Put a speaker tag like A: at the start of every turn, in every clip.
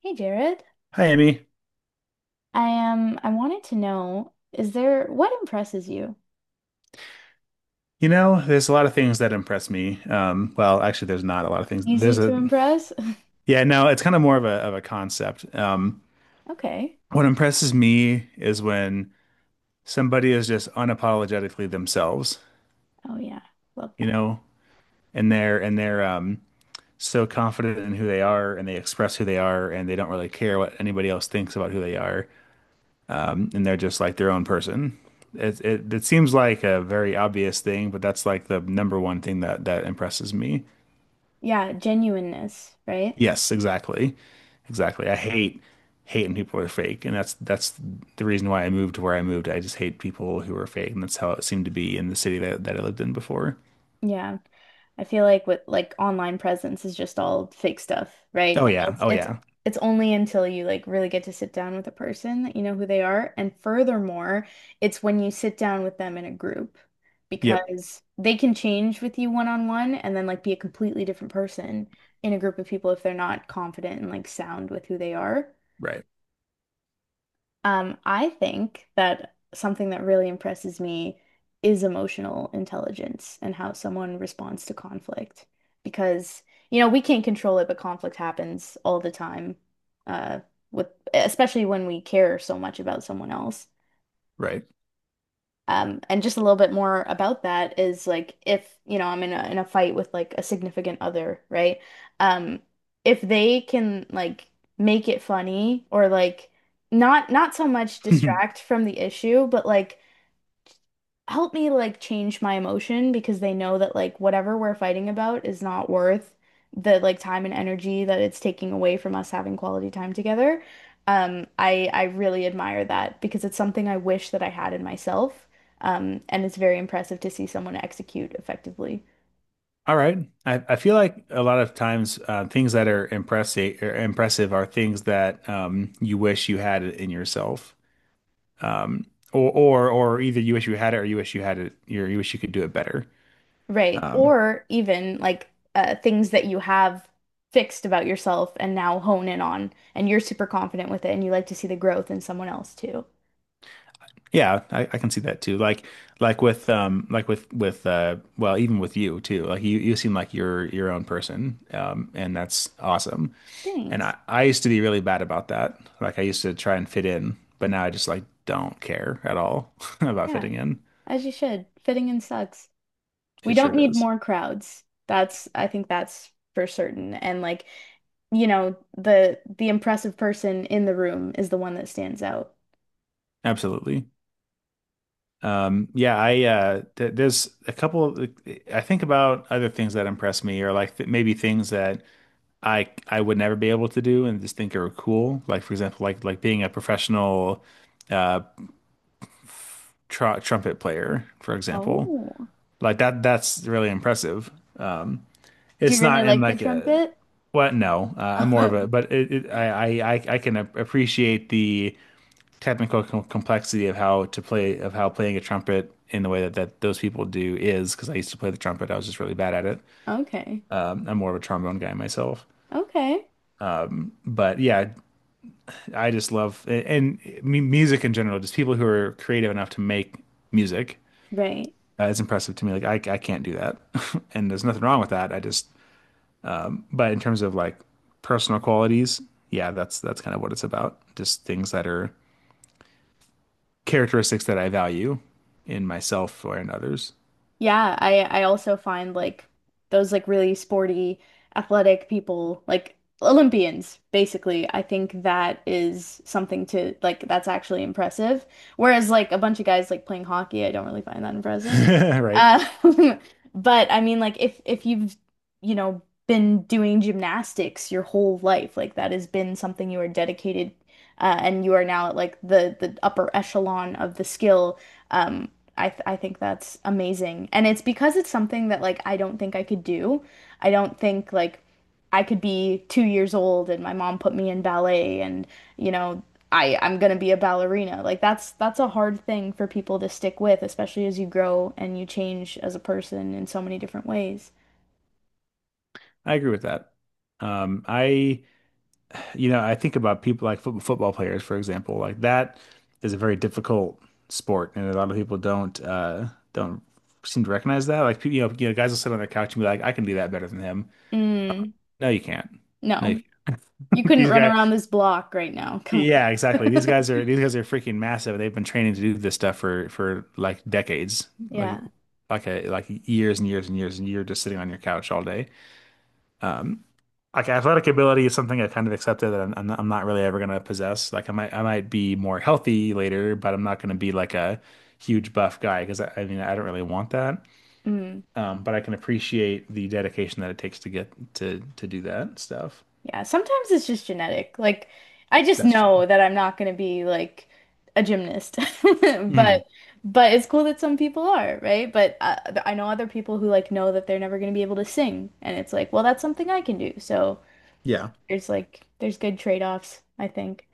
A: Hey Jared,
B: Hi, Emmy.
A: I am. I wanted to know, is there what impresses you?
B: You know, there's a lot of things that impress me. Well, there's not a lot of things.
A: Easy to impress?
B: Yeah, no, it's kind of more of a concept.
A: Okay.
B: What impresses me is when somebody is just unapologetically themselves,
A: Oh yeah, love
B: you
A: that.
B: know, and they're so confident in who they are, and they express who they are, and they don't really care what anybody else thinks about who they are, and they're just like their own person. It seems like a very obvious thing, but that's like the number one thing that impresses me.
A: Yeah, genuineness, right?
B: Yes, exactly. Exactly. I hate when people are fake, and that's the reason why I moved to where I moved. I just hate people who are fake, and that's how it seemed to be in the city that I lived in before.
A: Yeah. I feel like with like online presence is just all fake stuff, right?
B: Oh
A: And
B: yeah.
A: it's
B: Oh
A: it's
B: yeah.
A: it's only until you like really get to sit down with a person that you know who they are. And furthermore, it's when you sit down with them in a group
B: Yep.
A: because they can change with you one on one and then like be a completely different person in a group of people if they're not confident and like sound with who they are.
B: Right.
A: I think that something that really impresses me is emotional intelligence and how someone responds to conflict. Because, you know, we can't control it, but conflict happens all the time, uh, with especially when we care so much about someone else.
B: Right.
A: And just a little bit more about that is like if, you know, I'm in a fight with like a significant other, right? Um, if they can like make it funny or like not so much distract from the issue, but like help me like change my emotion because they know that like whatever we're fighting about is not worth the like time and energy that it's taking away from us having quality time together. I really admire that because it's something I wish that I had in myself. And it's very impressive to see someone execute effectively.
B: All right. I feel like a lot of times, things that are impressive or impressive are things that, you wish you had it in yourself, or either you wish you had it or you wish you had it, you wish you could do it better.
A: Right.
B: Um,
A: Or even like things that you have fixed about yourself and now hone in on, and you're super confident with it, and you like to see the growth in someone else too.
B: Yeah, I can see that too. Like, like with well, even with you too. Like you seem like you're your own person. And that's awesome. And I
A: Thanks.
B: I used to be really bad about that. Like, I used to try and fit in, but now I just like don't care at all about
A: Yeah.
B: fitting in.
A: As you should. Fitting in sucks. We
B: It sure
A: don't need
B: does.
A: more crowds. That's, I think that's for certain. And like, you know, the impressive person in the room is the one that stands out.
B: Absolutely. Yeah, I th there's I think about other things that impress me, or like th maybe things that I would never be able to do and just think are cool. Like, for example, like being a professional tr trumpet player, for example.
A: Oh.
B: Like, that's really impressive.
A: Do you
B: It's
A: really
B: not in
A: like the
B: like a
A: trumpet?
B: what? No, I'm more of a but it, I can appreciate the technical complexity of how playing a trumpet in the way that that those people do is because I used to play the trumpet. I was just really bad at it.
A: Okay.
B: I'm more of a trombone guy myself.
A: Okay.
B: But yeah, I just love and music in general, just people who are creative enough to make music.
A: Right.
B: It's impressive to me. Like, I can't do that, and there's nothing wrong with that. But in terms of like personal qualities, yeah, that's kind of what it's about. Just things that are characteristics that I value in myself or in others.
A: Yeah, I also find like those like really sporty, athletic people, like Olympians, basically. I think that is something to like that's actually impressive. Whereas like a bunch of guys like playing hockey, I don't really find that impressive.
B: Right.
A: Uh, but I mean like if you've, you know, been doing gymnastics your whole life, like that has been something you are dedicated and you are now at like the upper echelon of the skill. Um, I think that's amazing, and it's because it's something that like I don't think I could do. I don't think like I could be 2 years old and my mom put me in ballet, and you know I'm gonna be a ballerina. Like that's a hard thing for people to stick with, especially as you grow and you change as a person in so many different ways.
B: I agree with that. I You know, I think about people like football players, for example. Like, that is a very difficult sport, and a lot of people don't don't seem to recognize that. Like, you know, guys will sit on their couch and be like, "I can do that better than him."
A: Mm,
B: No, you can't. No, you
A: no,
B: can't.
A: you couldn't
B: These
A: run
B: guys,
A: around this block right now. Come
B: yeah, exactly. These
A: on.
B: guys are these guys are freaking massive. They've been training to do this stuff for like decades, like
A: Yeah.
B: like a like years and years and years, and you're just sitting on your couch all day. Um, Like athletic ability is something I kind of accepted that I'm not really ever gonna possess. Like, I might be more healthy later, but I'm not gonna be like a huge buff guy because I mean, I don't really want that.
A: Mm.
B: But I can appreciate the dedication that it takes to get to do that stuff.
A: Yeah, sometimes it's just genetic. Like, I just
B: That's true.
A: know that I'm not going to be like a gymnast. But
B: Mhm.
A: but it's cool that some people are, right? But I know other people who like know that they're never going to be able to sing, and it's like, well, that's something I can do. So
B: Yeah.
A: there's like there's good trade-offs, I think.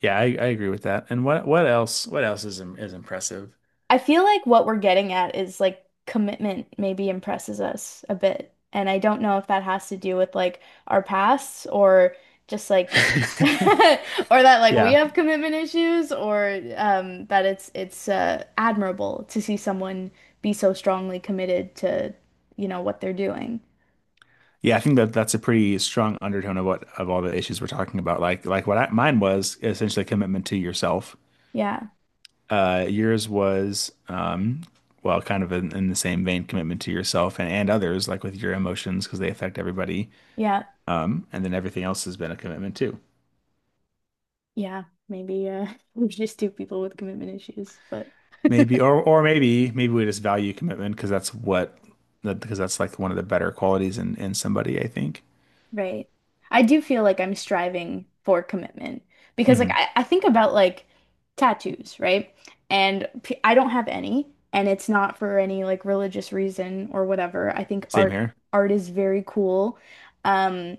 B: Yeah, I agree with that. And what else is is impressive?
A: I feel like what we're getting at is like commitment maybe impresses us a bit. And I don't know if that has to do with like our pasts or just like or that like we
B: Yeah.
A: have commitment issues or that it's admirable to see someone be so strongly committed to, you know, what they're doing.
B: Yeah, I think that that's a pretty strong undertone of what of all the issues we're talking about. Like, mine was essentially commitment to yourself.
A: Yeah.
B: Yours was, well, kind of in the same vein, commitment to yourself and others, like with your emotions, because they affect everybody.
A: Yeah.
B: And then everything else has been a commitment too.
A: Yeah. Maybe we're just two people with commitment issues, but
B: Maybe, or or maybe we just value commitment because that's what that because that's like one of the better qualities in somebody, I think.
A: Right. I do feel like I'm striving for commitment because like
B: Hmm.
A: I think about like tattoos, right? And p I don't have any and it's not for any like religious reason or whatever. I think
B: Same
A: art
B: here.
A: art is very cool. Um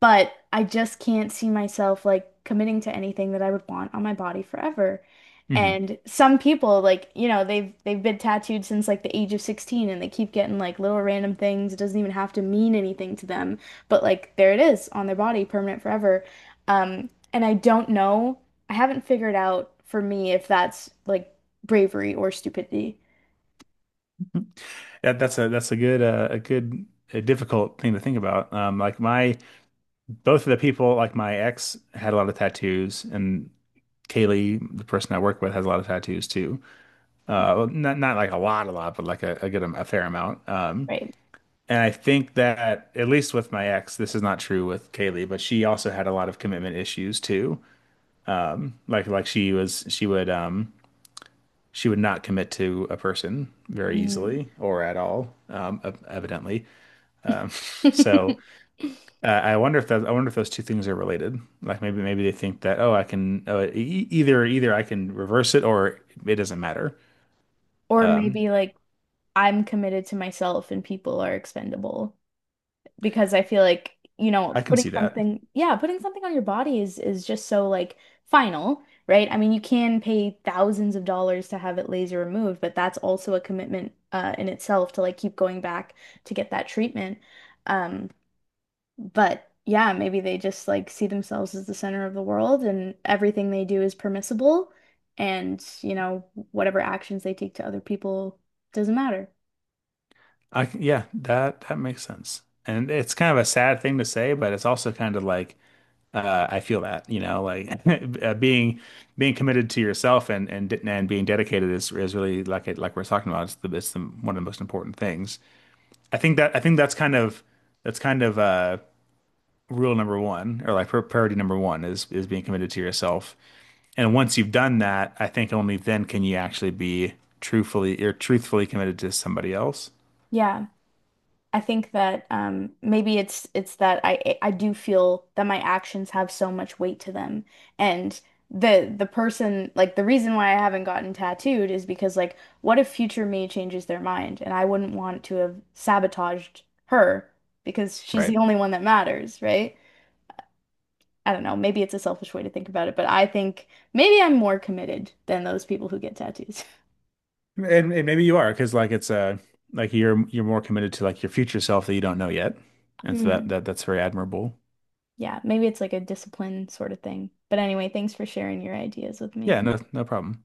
A: but I just can't see myself like committing to anything that I would want on my body forever.
B: Hmm.
A: And some people like, you know, they've been tattooed since like the age of 16 and they keep getting like little random things. It doesn't even have to mean anything to them, but like there it is on their body, permanent forever. And I don't know. I haven't figured out for me if that's like bravery or stupidity.
B: That's a good, a good, a difficult thing to think about. Like my both of the people, like my ex had a lot of tattoos, and Kaylee, the person I work with, has a lot of tattoos too. Well, not not like a lot, but like a good a fair amount.
A: Right.
B: And I think that at least with my ex, this is not true with Kaylee, but she also had a lot of commitment issues too. Like, she would not commit to a person very
A: Mm.
B: easily or at all, evidently. Um, so, I wonder if that, I wonder if those two things are related. Like, maybe they think that, oh, I can, oh, either I can reverse it, or it doesn't matter.
A: Or
B: Um,
A: maybe like I'm committed to myself and people are expendable because I feel like, you
B: I
A: know,
B: can
A: putting
B: see
A: Yeah.
B: that.
A: something, yeah, putting something on your body is just so like final, right? I mean, you can pay thousands of dollars to have it laser removed, but that's also a commitment in itself to like keep going back to get that treatment. Um, but yeah, maybe they just like see themselves as the center of the world and everything they do is permissible and, you know, whatever actions they take to other people doesn't matter.
B: Yeah, that that makes sense. And it's kind of a sad thing to say, but it's also kind of like, I feel that, you know, like uh, being being committed to yourself and and being dedicated is really like it like we're talking about. It's the, one of the most important things. I think that's kind of that's kind of, rule number one, or like priority number one is being committed to yourself. And once you've done that, I think only then can you actually be truthfully or truthfully committed to somebody else.
A: Yeah. I think that maybe it's that I do feel that my actions have so much weight to them, and the person like the reason why I haven't gotten tattooed is because like what if future me changes their mind and I wouldn't want to have sabotaged her because she's
B: Right.
A: the only one that matters, right? I don't know, maybe it's a selfish way to think about it, but I think maybe I'm more committed than those people who get tattoos.
B: And maybe you are, because like it's a like you're more committed to like your future self that you don't know yet. And so that
A: Mm.
B: that that's very admirable.
A: Yeah, maybe it's like a discipline sort of thing. But anyway, thanks for sharing your ideas with me.
B: Yeah, no, no problem.